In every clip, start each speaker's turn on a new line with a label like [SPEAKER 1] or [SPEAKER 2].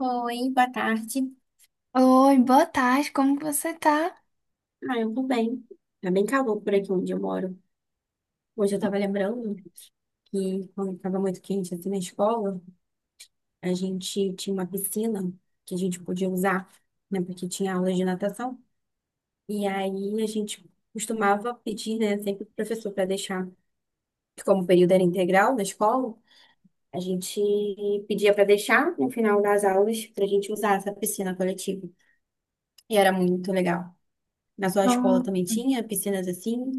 [SPEAKER 1] Oi, boa tarde.
[SPEAKER 2] Oi, boa tarde, como que você tá?
[SPEAKER 1] Ah, eu tô bem. Tá bem calor por aqui onde eu moro. Hoje eu tava lembrando que quando tava muito quente aqui na escola, a gente tinha uma piscina que a gente podia usar, né? Porque tinha aulas de natação. E aí a gente costumava pedir, né, sempre pro professor para deixar, porque como o período era integral na escola, a gente pedia para deixar no final das aulas para a gente usar essa piscina coletiva. E era muito legal. Na sua
[SPEAKER 2] Ó,
[SPEAKER 1] escola também tinha piscinas assim,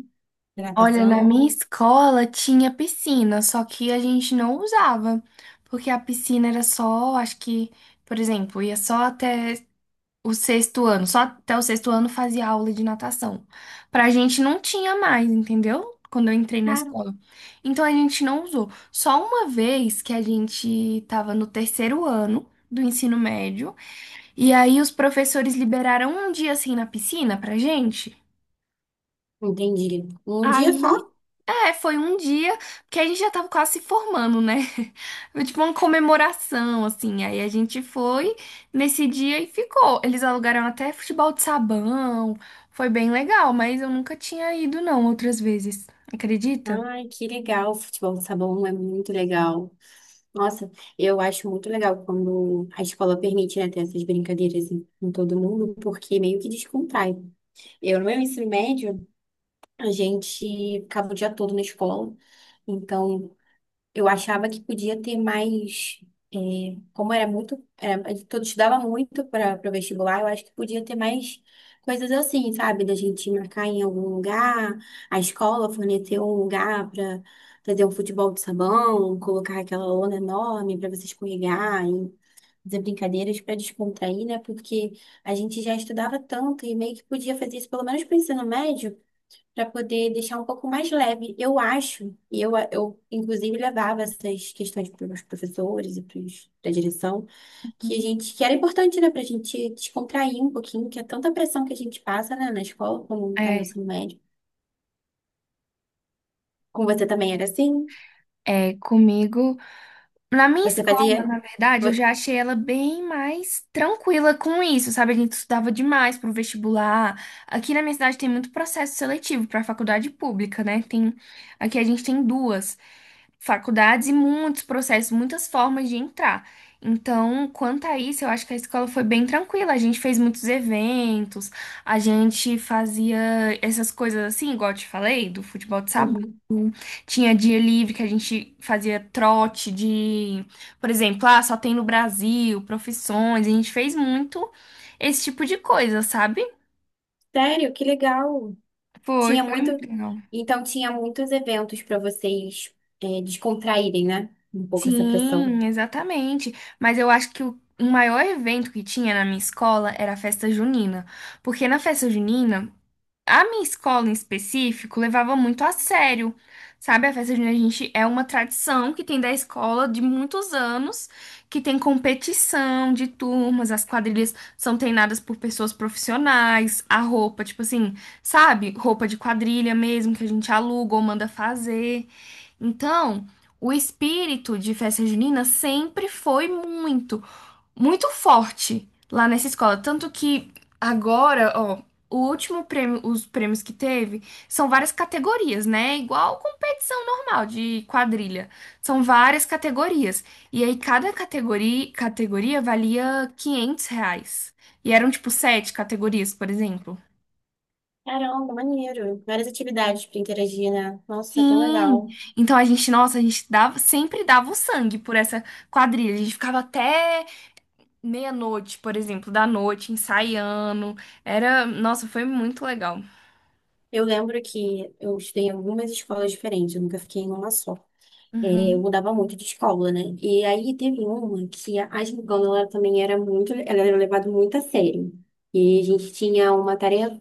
[SPEAKER 1] de
[SPEAKER 2] Olha, na
[SPEAKER 1] natação?
[SPEAKER 2] minha escola tinha piscina, só que a gente não usava, porque a piscina era só, acho que, por exemplo, ia só até o sexto ano, só até o sexto ano fazia aula de natação. Pra gente não tinha mais, entendeu? Quando eu entrei na
[SPEAKER 1] Cara,
[SPEAKER 2] escola. Então a gente não usou. Só uma vez que a gente tava no terceiro ano do ensino médio, e aí os professores liberaram um dia assim na piscina pra gente.
[SPEAKER 1] entendi. Um dia só?
[SPEAKER 2] Aí, é, foi um dia, porque a gente já tava quase se formando, né? Foi tipo uma comemoração, assim. Aí a gente foi nesse dia e ficou. Eles alugaram até futebol de sabão. Foi bem legal, mas eu nunca tinha ido, não, outras vezes. Acredita?
[SPEAKER 1] Ai, que legal. Futebol de sabão é muito legal. Nossa, eu acho muito legal quando a escola permite, né, ter essas brincadeiras em todo mundo, porque meio que descontrai. Eu, no meu ensino médio, a gente ficava o dia todo na escola. Então, eu achava que podia ter mais, é, como era muito, todo estudava muito para o vestibular, eu acho que podia ter mais coisas assim, sabe? Da gente marcar em algum lugar, a escola fornecer um lugar para fazer um futebol de sabão, colocar aquela lona enorme para você escorregar e fazer brincadeiras para descontrair, né? Porque a gente já estudava tanto e meio que podia fazer isso pelo menos para o ensino médio para poder deixar um pouco mais leve. Eu acho, e eu inclusive levava essas questões para os professores e para a direção, que a
[SPEAKER 2] Uhum.
[SPEAKER 1] gente, que era importante, né, para a gente descontrair um pouquinho, que é tanta pressão que a gente passa, né, na escola, como está no
[SPEAKER 2] É,
[SPEAKER 1] ensino médio. Com você também era assim?
[SPEAKER 2] é, comigo. Na minha
[SPEAKER 1] Você
[SPEAKER 2] escola,
[SPEAKER 1] fazia?
[SPEAKER 2] na verdade, eu
[SPEAKER 1] vo-
[SPEAKER 2] já achei ela bem mais tranquila com isso, sabe? A gente estudava demais pro vestibular. Aqui na minha cidade tem muito processo seletivo para faculdade pública, né? Tem, aqui a gente tem duas faculdades e muitos processos, muitas formas de entrar. Então, quanto a isso, eu acho que a escola foi bem tranquila. A gente fez muitos eventos, a gente fazia essas coisas assim, igual eu te falei, do futebol de sabão.
[SPEAKER 1] Uhum.
[SPEAKER 2] Tinha dia livre que a gente fazia trote de, por exemplo, ah, só tem no Brasil, profissões. A gente fez muito esse tipo de coisa, sabe?
[SPEAKER 1] Sério, que legal.
[SPEAKER 2] Foi,
[SPEAKER 1] Tinha
[SPEAKER 2] foi
[SPEAKER 1] muito,
[SPEAKER 2] muito legal.
[SPEAKER 1] então tinha muitos eventos para vocês descontraírem, né? Um pouco essa pressão.
[SPEAKER 2] Sim, exatamente. Mas eu acho que o maior evento que tinha na minha escola era a festa junina. Porque na festa junina a minha escola em específico levava muito a sério, sabe? A festa junina, a gente é uma tradição que tem da escola de muitos anos, que tem competição de turmas, as quadrilhas são treinadas por pessoas profissionais, a roupa, tipo assim, sabe? Roupa de quadrilha mesmo que a gente aluga ou manda fazer. Então, o espírito de festa junina sempre foi muito muito forte lá nessa escola. Tanto que agora, ó, o último prêmio, os prêmios que teve são várias categorias, né? Igual competição normal de quadrilha. São várias categorias. E aí cada categoria valia R$ 500. E eram tipo sete categorias, por exemplo.
[SPEAKER 1] Caramba, maneiro. Várias atividades para interagir, né? Nossa, é tão
[SPEAKER 2] Sim,
[SPEAKER 1] legal.
[SPEAKER 2] então a gente, nossa, a gente dava, sempre dava o sangue por essa quadrilha. A gente ficava até meia-noite, por exemplo, da noite, ensaiando. Era, nossa, foi muito legal.
[SPEAKER 1] Eu lembro que eu estudei em algumas escolas diferentes, eu nunca fiquei em uma só. É, eu
[SPEAKER 2] Uhum.
[SPEAKER 1] mudava muito de escola, né? E aí teve uma que a Gingana, ela era levada muito a sério. E a gente tinha uma tarefa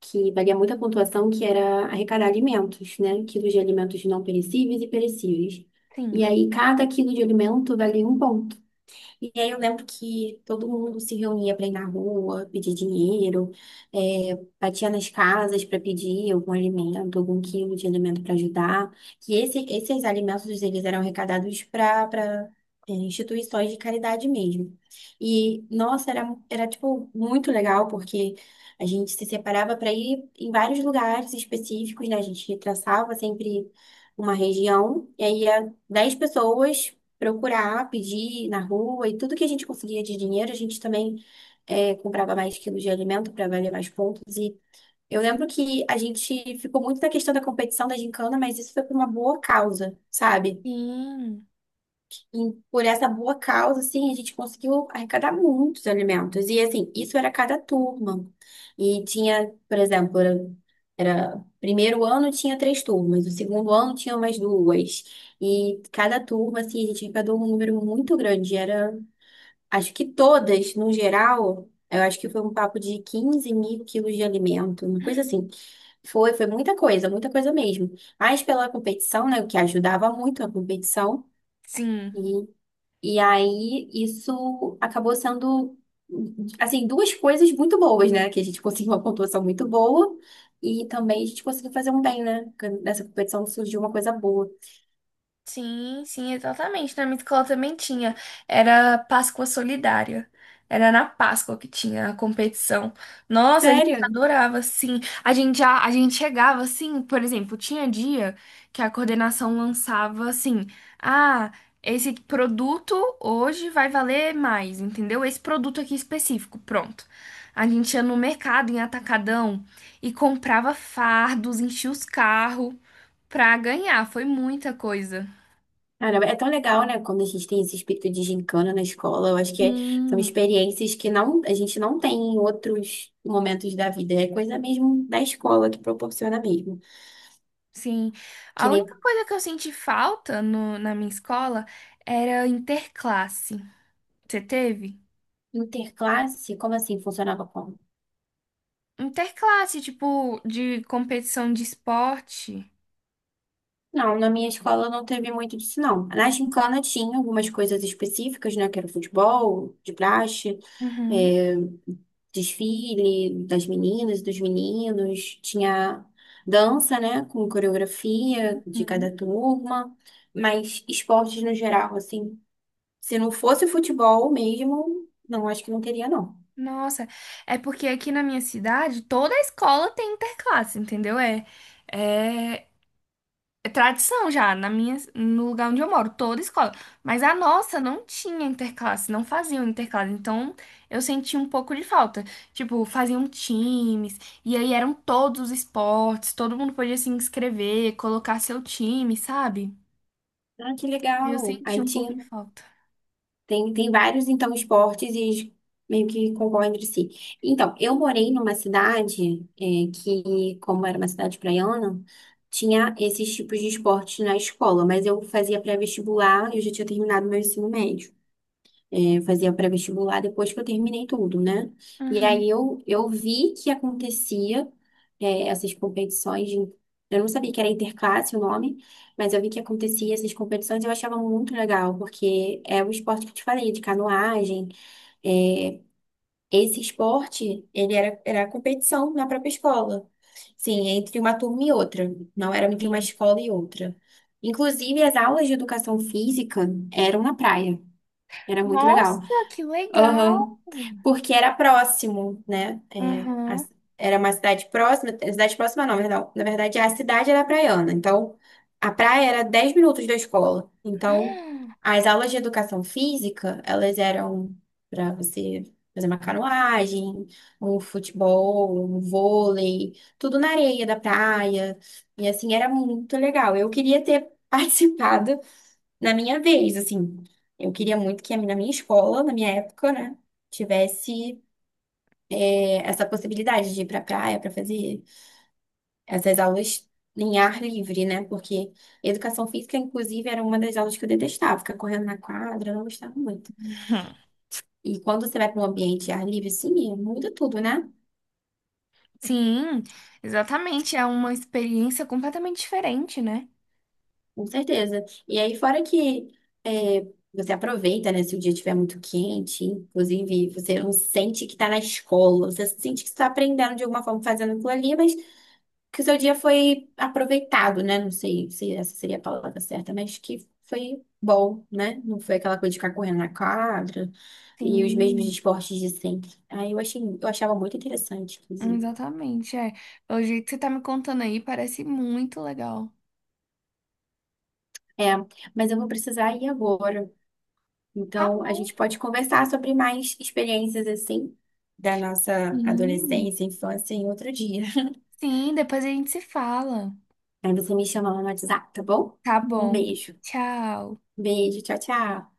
[SPEAKER 1] que valia muita pontuação, que era arrecadar alimentos, né? Quilos de alimentos não perecíveis e perecíveis. E
[SPEAKER 2] Sim.
[SPEAKER 1] aí cada quilo de alimento valia um ponto. E aí eu lembro que todo mundo se reunia para ir na rua, pedir dinheiro, batia nas casas para pedir algum alimento, algum quilo de alimento para ajudar. E esses alimentos eles eram arrecadados para instituições de caridade mesmo. E nossa, era tipo muito legal porque a gente se separava para ir em vários lugares específicos, né? A gente traçava sempre uma região e aí ia 10 pessoas procurar, pedir na rua e tudo que a gente conseguia de dinheiro, a gente também comprava mais quilos de alimento para valer mais pontos. E eu lembro que a gente ficou muito na questão da competição da gincana, mas isso foi por uma boa causa, sabe?
[SPEAKER 2] Sim.
[SPEAKER 1] E por essa boa causa, assim, a gente conseguiu arrecadar muitos alimentos. E, assim, isso era cada turma. E tinha, por exemplo, primeiro ano tinha três turmas, o segundo ano tinha mais duas. E cada turma, assim, a gente arrecadou um número muito grande. Era, acho que todas, no geral, eu acho que foi um papo de 15.000 quilos de alimento, uma coisa assim. Foi muita coisa mesmo. Mas pela competição, né, o que ajudava muito a competição.
[SPEAKER 2] Sim.
[SPEAKER 1] E aí, isso acabou sendo, assim, duas coisas muito boas, né? Que a gente conseguiu uma pontuação muito boa e também a gente conseguiu fazer um bem, né? Porque nessa competição surgiu uma coisa boa.
[SPEAKER 2] Sim, sim, exatamente. Na minha escola também tinha. Era Páscoa Solidária. Era na Páscoa que tinha a competição. Nossa, a gente
[SPEAKER 1] Sério?
[SPEAKER 2] adorava, sim. A gente já, a gente chegava assim, por exemplo, tinha dia que a coordenação lançava assim: "Ah, esse produto hoje vai valer mais", entendeu? Esse produto aqui específico, pronto. A gente ia no mercado, em atacadão, e comprava fardos, enchia os carros pra ganhar. Foi muita coisa.
[SPEAKER 1] Caramba, é tão legal, né? Quando a gente tem esse espírito de gincana na escola, eu acho que são
[SPEAKER 2] Sim,
[SPEAKER 1] experiências que não, a gente não tem em outros momentos da vida. É coisa mesmo da escola que proporciona mesmo.
[SPEAKER 2] sim.
[SPEAKER 1] Que
[SPEAKER 2] A
[SPEAKER 1] nem
[SPEAKER 2] única coisa que eu senti falta na minha escola era interclasse. Você teve?
[SPEAKER 1] interclasse, como assim funcionava?
[SPEAKER 2] Interclasse, tipo, de competição de esporte.
[SPEAKER 1] Não, na minha escola não teve muito disso, não. Na gincana tinha algumas coisas específicas, né? Que era futebol, de praxe,
[SPEAKER 2] Uhum,
[SPEAKER 1] é, desfile das meninas, dos meninos. Tinha dança, né? Com coreografia de
[SPEAKER 2] uhum.
[SPEAKER 1] cada turma. Mas esportes no geral, assim, se não fosse futebol mesmo, não, acho que não teria, não.
[SPEAKER 2] Nossa, é porque aqui na minha cidade toda escola tem interclasse, entendeu? É, é, é tradição já, na minha, no lugar onde eu moro, toda escola. Mas a nossa não tinha interclasse, não faziam interclasse. Então eu senti um pouco de falta. Tipo, faziam times, e aí eram todos os esportes, todo mundo podia se inscrever, colocar seu time, sabe?
[SPEAKER 1] Ah, que
[SPEAKER 2] Aí eu
[SPEAKER 1] legal.
[SPEAKER 2] senti
[SPEAKER 1] Aí
[SPEAKER 2] um pouco
[SPEAKER 1] tinha
[SPEAKER 2] de falta.
[SPEAKER 1] Tem, tem vários, então, esportes e eles meio que concorrem entre si. Então, eu morei numa cidade que, como era uma cidade praiana, tinha esses tipos de esportes na escola, mas eu fazia pré-vestibular e eu já tinha terminado meu ensino médio. Eu fazia pré-vestibular depois que eu terminei tudo, né? E
[SPEAKER 2] Uhum.
[SPEAKER 1] aí eu vi que acontecia essas competições. Eu não sabia que era interclasse o nome, mas eu vi que acontecia essas competições e eu achava muito legal, porque é o esporte que eu te falei, de canoagem. é, Esse esporte, ele era competição na própria escola. Sim, entre uma turma e outra, não era entre uma
[SPEAKER 2] Sim.
[SPEAKER 1] escola e outra. Inclusive, as aulas de educação física eram na praia. Era muito legal.
[SPEAKER 2] Nossa, que
[SPEAKER 1] Aham.
[SPEAKER 2] legal!
[SPEAKER 1] Porque era próximo, né?
[SPEAKER 2] Uhum.
[SPEAKER 1] Era uma cidade próxima, cidade próxima não, perdão. Na verdade, a cidade era praiana. Então, a praia era 10 minutos da escola. Então, as aulas de educação física, elas eram para você fazer uma canoagem, um futebol, um vôlei, tudo na areia da praia. E assim, era muito legal. Eu queria ter participado na minha vez, assim. Eu queria muito que na minha escola, na minha época, né, tivesse essa possibilidade de ir pra praia para fazer essas aulas em ar livre, né? Porque educação física, inclusive, era uma das aulas que eu detestava, ficar correndo na quadra, eu não gostava muito.
[SPEAKER 2] Hum.
[SPEAKER 1] E quando você vai para um ambiente de ar livre, sim, muda tudo, né?
[SPEAKER 2] Sim, exatamente. É uma experiência completamente diferente, né?
[SPEAKER 1] Com certeza. E aí, fora que é, você aproveita, né? Se o dia estiver muito quente, inclusive, você não sente que está na escola, você sente que está aprendendo de alguma forma fazendo aquilo ali, mas que o seu dia foi aproveitado, né? Não sei se essa seria a palavra certa, mas que foi bom, né? Não foi aquela coisa de ficar correndo na quadra e os mesmos
[SPEAKER 2] Sim.
[SPEAKER 1] esportes de sempre. Eu achava muito interessante, inclusive.
[SPEAKER 2] Exatamente, é. Pelo jeito que você tá me contando aí, parece muito legal.
[SPEAKER 1] É, mas eu vou precisar ir agora.
[SPEAKER 2] Tá
[SPEAKER 1] Então, a
[SPEAKER 2] bom.
[SPEAKER 1] gente pode conversar sobre mais experiências assim da nossa
[SPEAKER 2] Sim.
[SPEAKER 1] adolescência, infância em outro dia.
[SPEAKER 2] Sim, depois a gente se fala.
[SPEAKER 1] Aí você me chama lá no WhatsApp, tá bom?
[SPEAKER 2] Tá
[SPEAKER 1] Um
[SPEAKER 2] bom.
[SPEAKER 1] beijo.
[SPEAKER 2] Tchau.
[SPEAKER 1] Beijo, tchau, tchau.